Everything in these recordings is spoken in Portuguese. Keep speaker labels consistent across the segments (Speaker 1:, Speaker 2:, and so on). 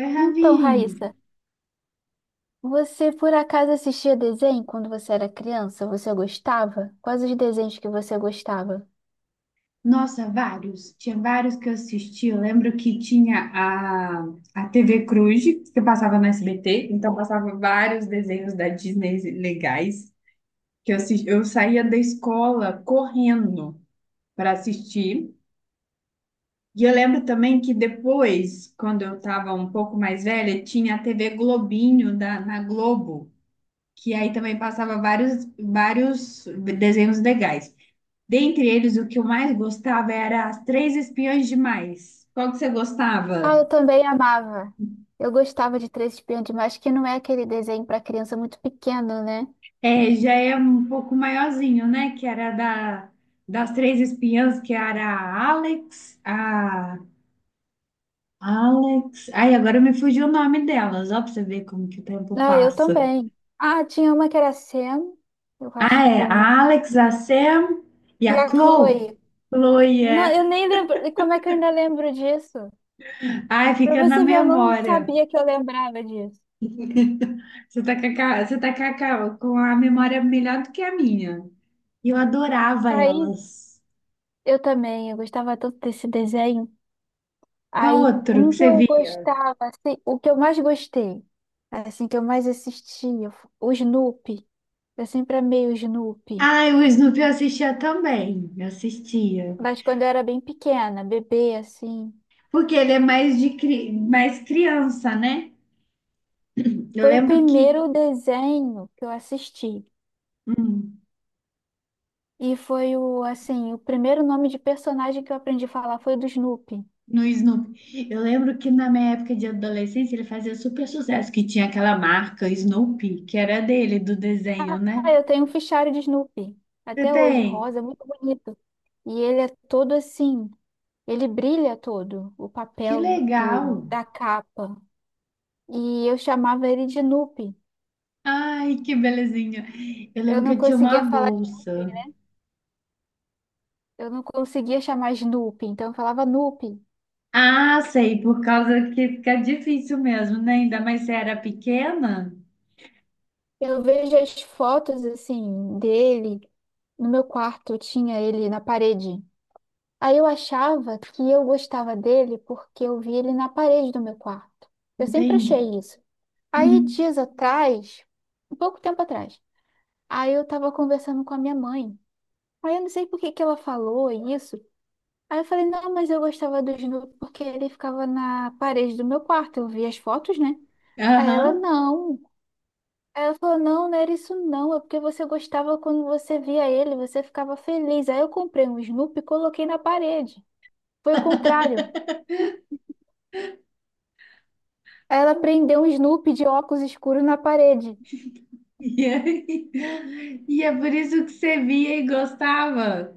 Speaker 1: Oi,
Speaker 2: Então,
Speaker 1: Ravine.
Speaker 2: Raíssa, você por acaso assistia desenho quando você era criança? Você gostava? Quais os desenhos que você gostava?
Speaker 1: Nossa, vários. Tinha vários que eu assisti. Eu lembro que tinha a TV Cruz, que passava no SBT, então passava vários desenhos da Disney legais, que eu saía da escola correndo para assistir. E eu lembro também que depois, quando eu estava um pouco mais velha, tinha a TV Globinho na Globo, que aí também passava vários desenhos legais. Dentre eles, o que eu mais gostava era As Três Espiãs Demais. Qual que você
Speaker 2: Ah,
Speaker 1: gostava?
Speaker 2: eu também amava. Eu gostava de Três Espiãs Demais, que não é aquele desenho para criança muito pequeno, né?
Speaker 1: É, já é um pouco maiorzinho, né? Que era das Três Espiãs, que era a Alex, a Alex. Ai, agora me fugiu o nome delas, ó, pra você ver como que o tempo
Speaker 2: Ah, eu
Speaker 1: passa.
Speaker 2: também. Ah, tinha uma que era Sam, eu acho
Speaker 1: Ah, é,
Speaker 2: que uma.
Speaker 1: a Alex, a Sam e
Speaker 2: E
Speaker 1: a
Speaker 2: a
Speaker 1: Chloe.
Speaker 2: Chloe.
Speaker 1: Chloe,
Speaker 2: Não, eu
Speaker 1: é.
Speaker 2: nem lembro. Como é que eu ainda lembro disso?
Speaker 1: Ai,
Speaker 2: Pra
Speaker 1: fica na
Speaker 2: você ver, eu não
Speaker 1: memória.
Speaker 2: sabia que eu lembrava disso.
Speaker 1: Você tá com a, ca- você tá com a ca- com a memória melhor do que a minha. E eu adorava
Speaker 2: Aí,
Speaker 1: elas.
Speaker 2: eu também, eu gostava tanto desse desenho.
Speaker 1: Qual
Speaker 2: Aí,
Speaker 1: outro que
Speaker 2: um que
Speaker 1: você
Speaker 2: eu
Speaker 1: viu?
Speaker 2: gostava, assim, o que eu mais gostei, assim, que eu mais assistia, o Snoopy. Eu sempre amei o Snoopy.
Speaker 1: Ah, o Snoopy eu assistia também. Eu assistia.
Speaker 2: Mas quando eu era bem pequena, bebê, assim.
Speaker 1: Porque ele é mais criança, né? Eu
Speaker 2: Foi o
Speaker 1: lembro que
Speaker 2: primeiro desenho que eu assisti.
Speaker 1: hum,
Speaker 2: E foi o, assim, o primeiro nome de personagem que eu aprendi a falar foi o do Snoopy.
Speaker 1: no Snoopy, eu lembro que na minha época de adolescência ele fazia super sucesso, que tinha aquela marca Snoopy, que era dele, do desenho, né?
Speaker 2: Ah, eu tenho um fichário de Snoopy.
Speaker 1: Você
Speaker 2: Até hoje,
Speaker 1: tem?
Speaker 2: rosa, muito bonito. E ele é todo assim, ele brilha todo, o
Speaker 1: Que
Speaker 2: papel
Speaker 1: legal!
Speaker 2: do, da capa. E eu chamava ele de Nupe.
Speaker 1: Ai, que belezinha! Eu
Speaker 2: Eu
Speaker 1: lembro que
Speaker 2: não
Speaker 1: eu tinha uma
Speaker 2: conseguia falar, Snoopy,
Speaker 1: bolsa.
Speaker 2: né? Eu não conseguia chamar Snoopy, então eu falava Nupe.
Speaker 1: Ah, sei, por causa que fica difícil mesmo, né? Ainda mais se era pequena,
Speaker 2: Eu vejo as fotos assim dele no meu quarto, eu tinha ele na parede. Aí eu achava que eu gostava dele porque eu vi ele na parede do meu quarto. Eu sempre
Speaker 1: entende?
Speaker 2: achei isso. Aí dias atrás, um pouco tempo atrás, aí eu tava conversando com a minha mãe. Aí eu não sei por que que ela falou isso. Aí eu falei, não, mas eu gostava do Snoopy porque ele ficava na parede do meu quarto, eu via as fotos, né? Aí ela,
Speaker 1: Aham.
Speaker 2: não. Aí ela falou, não, não era isso não, é porque você gostava quando você via ele, você ficava feliz. Aí eu comprei um Snoopy e coloquei na parede. Foi o contrário. Aí ela prendeu um Snoopy de óculos escuros na parede.
Speaker 1: E aí- e é por isso que você via e gostava.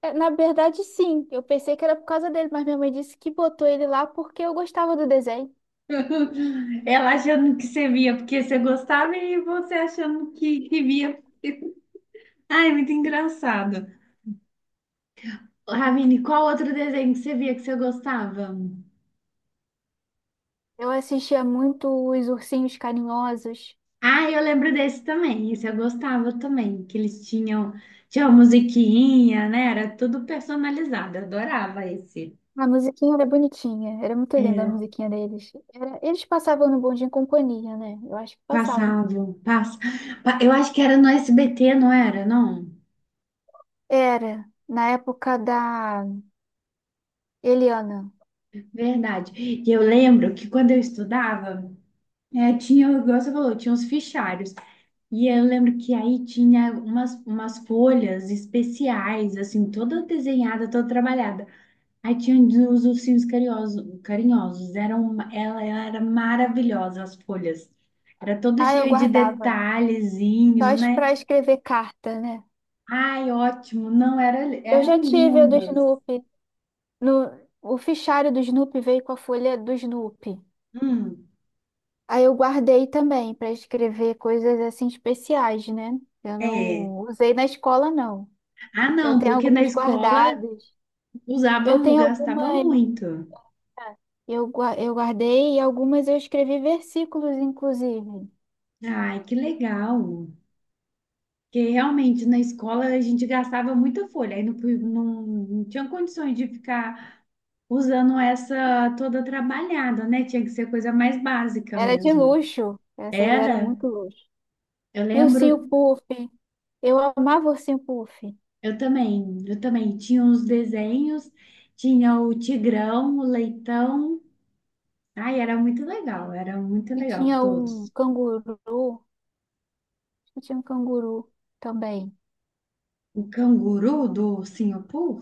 Speaker 2: É, na verdade, sim, eu pensei que era por causa dele, mas minha mãe disse que botou ele lá porque eu gostava do desenho.
Speaker 1: Ela achando que você via porque você gostava e você achando que via. Ai, muito engraçado. Ravine, qual outro desenho que você via que você gostava?
Speaker 2: Eu assistia muito os Ursinhos Carinhosos.
Speaker 1: Ah, eu lembro desse também. Esse eu gostava também, que eles tinha uma musiquinha, né? Era tudo personalizado. Eu adorava esse.
Speaker 2: A musiquinha era bonitinha, era muito linda a
Speaker 1: É,
Speaker 2: musiquinha deles. Era, eles passavam no Bom Dia e Companhia, né? Eu acho que passavam.
Speaker 1: passavam, passa. Eu acho que era no SBT, não era? Não.
Speaker 2: Era, na época da Eliana.
Speaker 1: Verdade. E eu lembro que quando eu estudava, é, tinha, igual você falou, tinha uns fichários. E eu lembro que aí tinha umas folhas especiais, assim, toda desenhada, toda trabalhada. Aí tinha os ursinhos carinhosos, carinhosos. Eram, ela era maravilhosa, as folhas. Era todo
Speaker 2: Ah, eu
Speaker 1: cheio de
Speaker 2: guardava,
Speaker 1: detalhezinho, né?
Speaker 2: pra escrever carta, né?
Speaker 1: Ai, ótimo. Não, era,
Speaker 2: Eu já
Speaker 1: eram
Speaker 2: tive a do
Speaker 1: lindas.
Speaker 2: Snoopy. No, O fichário do Snoopy veio com a folha do Snoopy.
Speaker 1: Hum,
Speaker 2: Aí eu guardei também pra escrever coisas assim especiais, né? Eu
Speaker 1: é.
Speaker 2: não usei na escola, não.
Speaker 1: Ah,
Speaker 2: Eu
Speaker 1: não,
Speaker 2: tenho
Speaker 1: porque na
Speaker 2: algumas
Speaker 1: escola
Speaker 2: guardadas.
Speaker 1: usava,
Speaker 2: Eu tenho
Speaker 1: gastava
Speaker 2: algumas.
Speaker 1: muito.
Speaker 2: Eu, eu guardei e algumas eu escrevi versículos, inclusive.
Speaker 1: Ai, que legal. Porque realmente na escola a gente gastava muita folha. Aí não, não, não tinha condições de ficar usando essa toda trabalhada, né? Tinha que ser coisa mais básica
Speaker 2: Era de
Speaker 1: mesmo.
Speaker 2: luxo. Essas eram
Speaker 1: Era,
Speaker 2: muito luxo.
Speaker 1: eu
Speaker 2: E o
Speaker 1: lembro,
Speaker 2: ursinho Puff. Eu amava o ursinho Puff.
Speaker 1: eu também tinha uns desenhos, tinha o tigrão, o leitão. Ai, era muito
Speaker 2: E
Speaker 1: legal
Speaker 2: tinha um
Speaker 1: todos.
Speaker 2: canguru. Acho que tinha um canguru também.
Speaker 1: O canguru do Singapur.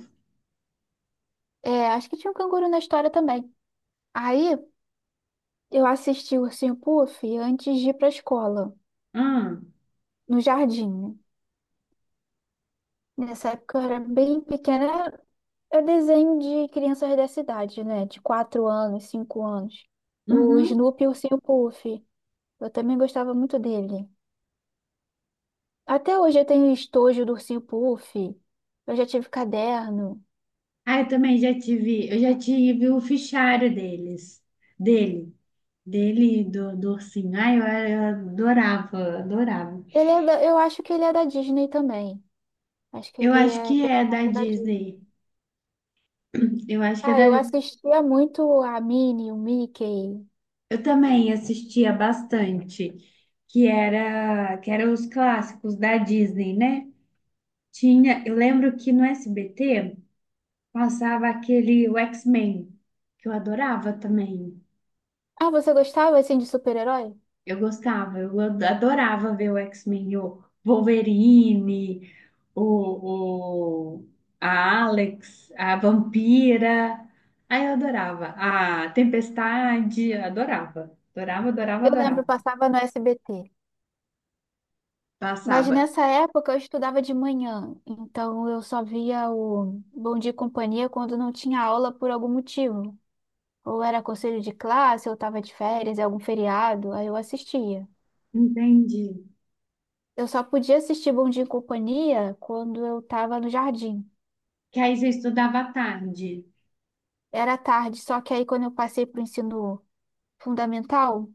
Speaker 2: É, acho que tinha um canguru na história também. Aí eu assisti o ursinho Puff antes de ir pra escola,
Speaker 1: Hum,
Speaker 2: no jardim. Né? Nessa época eu era bem pequena, é desenho de crianças dessa idade, né? De 4 anos, 5 anos. O
Speaker 1: uhum.
Speaker 2: Snoopy e o Ursinho Puff. Eu também gostava muito dele. Até hoje eu tenho estojo do Ursinho Puff. Eu já tive caderno.
Speaker 1: Ah, eu também já tive, eu já tive o fichário deles, dele, dele e do ursinho. Ai, eu adorava, adorava.
Speaker 2: Eu acho que ele é da Disney também. Acho que
Speaker 1: Eu
Speaker 2: ele
Speaker 1: acho
Speaker 2: é
Speaker 1: que é da
Speaker 2: personagem da Disney.
Speaker 1: Disney. Eu acho que é
Speaker 2: Ah,
Speaker 1: da.
Speaker 2: eu assistia muito a Minnie, o Mickey.
Speaker 1: Eu também assistia bastante, que eram os clássicos da Disney, né? Tinha, eu lembro que no SBT passava aquele o X-Men, que eu adorava também.
Speaker 2: Ah, você gostava assim de super-herói?
Speaker 1: Eu gostava, adorava ver o X-Men, o Wolverine, o, o- a Alex, a Vampira. Aí eu adorava. A Tempestade, adorava. Adorava, adorava,
Speaker 2: Eu lembro,
Speaker 1: adorava.
Speaker 2: passava no SBT. Mas
Speaker 1: Passava.
Speaker 2: nessa época eu estudava de manhã, então eu só via o Bom Dia e Companhia quando não tinha aula por algum motivo. Ou era conselho de classe, ou estava de férias, algum feriado, aí eu assistia.
Speaker 1: Entendi.
Speaker 2: Eu só podia assistir Bom Dia e Companhia quando eu estava no jardim.
Speaker 1: Que aí você estudava à tarde.
Speaker 2: Era tarde, só que aí quando eu passei para o ensino fundamental,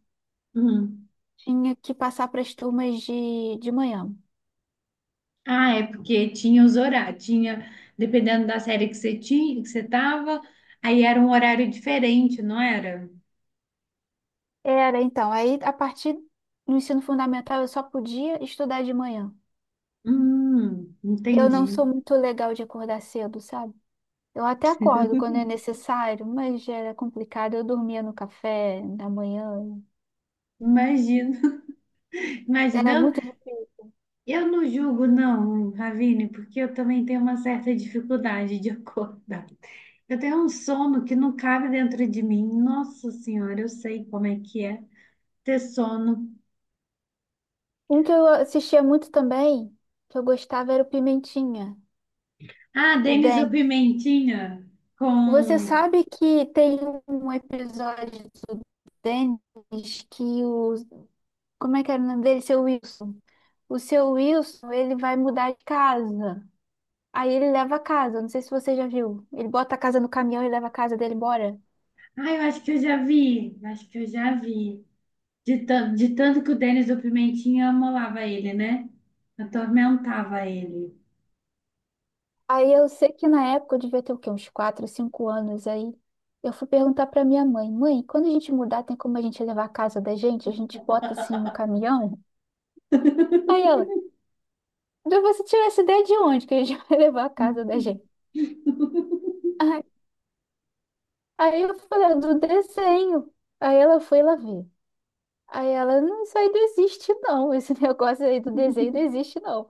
Speaker 1: Hum.
Speaker 2: tinha que passar para as turmas de manhã.
Speaker 1: Ah, é porque tinha os horários, tinha, dependendo da série que você tinha, que você tava, aí era um horário diferente, não era?
Speaker 2: Era então, aí a partir do ensino fundamental eu só podia estudar de manhã. E eu não
Speaker 1: Entendi.
Speaker 2: sou muito legal de acordar cedo, sabe? Eu até acordo quando é necessário, mas já era complicado. Eu dormia no café da manhã.
Speaker 1: Imagino, imagina.
Speaker 2: Era
Speaker 1: Eu,
Speaker 2: muito difícil.
Speaker 1: eu não julgo, não, Ravine, porque eu também tenho uma certa dificuldade de acordar. Eu tenho um sono que não cabe dentro de mim. Nossa Senhora, eu sei como é que é ter sono.
Speaker 2: Um que eu assistia muito também, que eu gostava, era o Pimentinha,
Speaker 1: Ah,
Speaker 2: o
Speaker 1: Denis o
Speaker 2: Dennis.
Speaker 1: Pimentinha
Speaker 2: Você
Speaker 1: com.
Speaker 2: sabe que tem um episódio do Dennis que o. Como é que era o nome dele? Seu Wilson. O seu Wilson, ele vai mudar de casa. Aí ele leva a casa. Não sei se você já viu. Ele bota a casa no caminhão e leva a casa dele embora.
Speaker 1: Ah, eu acho que eu já vi, eu acho que eu já vi. De tanto que o Denis o Pimentinha amolava ele, né? Atormentava ele.
Speaker 2: Aí eu sei que na época eu devia ter o quê? Uns 4, 5 anos aí. Eu fui perguntar pra minha mãe, mãe, quando a gente mudar, tem como a gente levar a casa da gente? A gente bota assim no caminhão? Aí ela, "Mas você tirou essa ideia de onde que a gente vai levar a casa da gente? Aí, aí, eu falei, "Ah, do desenho. Aí ela foi lá ver. Aí ela, não, isso aí não existe não. Esse negócio aí do desenho não existe não.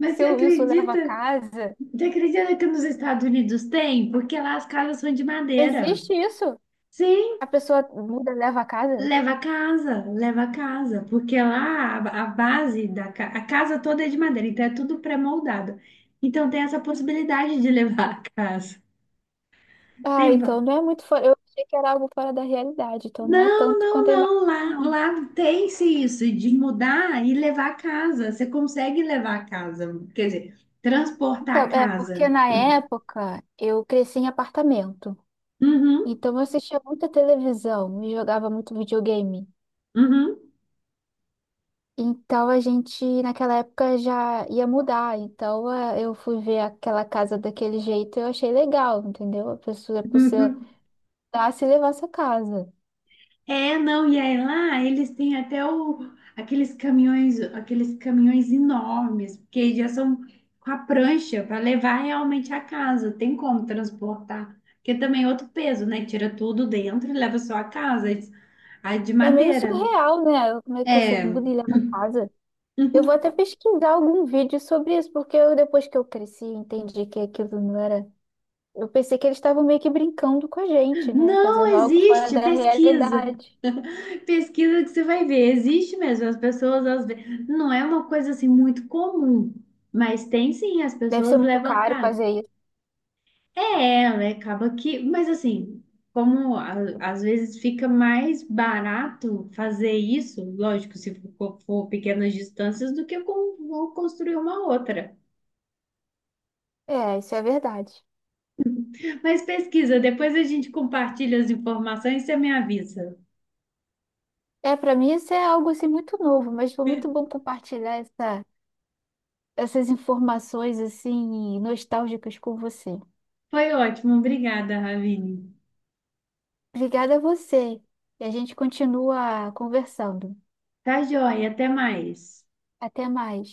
Speaker 1: Mas você
Speaker 2: Seu Wilson leva a
Speaker 1: acredita?
Speaker 2: casa.
Speaker 1: Você acredita que nos Estados Unidos tem? Porque lá as casas são de madeira.
Speaker 2: Existe isso?
Speaker 1: Sim,
Speaker 2: A pessoa muda, leva a casa?
Speaker 1: leva a casa, leva a casa. Porque lá a base a casa toda é de madeira, então é tudo pré-moldado. Então tem essa possibilidade de levar a casa.
Speaker 2: Ah,
Speaker 1: Tem,
Speaker 2: então não é muito fora. Eu achei que era algo fora da realidade, então não é
Speaker 1: não,
Speaker 2: tanto
Speaker 1: não,
Speaker 2: quanto eu
Speaker 1: não.
Speaker 2: imaginei,
Speaker 1: Lá,
Speaker 2: não.
Speaker 1: lá tem-se isso de mudar e levar a casa. Você consegue levar a casa, quer dizer,
Speaker 2: Então,
Speaker 1: transportar a
Speaker 2: é porque
Speaker 1: casa.
Speaker 2: na época eu cresci em apartamento.
Speaker 1: Uhum,
Speaker 2: Então eu assistia muita televisão e jogava muito videogame.
Speaker 1: uhum.
Speaker 2: Então a gente, naquela época, já ia mudar. Então eu fui ver aquela casa daquele jeito e eu achei legal, entendeu? A pessoa dar se levar essa casa.
Speaker 1: É, não, e aí lá eles têm até aqueles caminhões enormes, porque já são com a prancha para levar realmente a casa, tem como transportar, porque também é outro peso, né? Tira tudo dentro e leva só a casa, a de
Speaker 2: É meio
Speaker 1: madeira, né?
Speaker 2: surreal, né? Como é que você
Speaker 1: É,
Speaker 2: muda e leva a casa? Eu vou até pesquisar algum vídeo sobre isso, porque eu, depois que eu cresci, entendi que aquilo não era. Eu pensei que eles estavam meio que brincando com a gente, né? Fazendo
Speaker 1: não
Speaker 2: algo fora
Speaker 1: existe
Speaker 2: da
Speaker 1: pesquisa,
Speaker 2: realidade.
Speaker 1: pesquisa que você vai ver, existe mesmo, as pessoas às vezes, não é uma coisa assim muito comum, mas tem sim, as
Speaker 2: Deve ser
Speaker 1: pessoas
Speaker 2: muito
Speaker 1: levam a
Speaker 2: caro
Speaker 1: casa.
Speaker 2: fazer isso.
Speaker 1: É, ela acaba que, mas assim, como a- às vezes fica mais barato fazer isso, lógico, se for pequenas distâncias, do que vou construir uma outra.
Speaker 2: É, isso é verdade.
Speaker 1: Mas pesquisa, depois a gente compartilha as informações e você me avisa.
Speaker 2: É, para mim isso é algo assim muito novo, mas foi muito bom compartilhar essas informações assim nostálgicas com você.
Speaker 1: Foi ótimo, obrigada, Ravine.
Speaker 2: Obrigada a você. E a gente continua conversando.
Speaker 1: Tá joia, até mais.
Speaker 2: Até mais.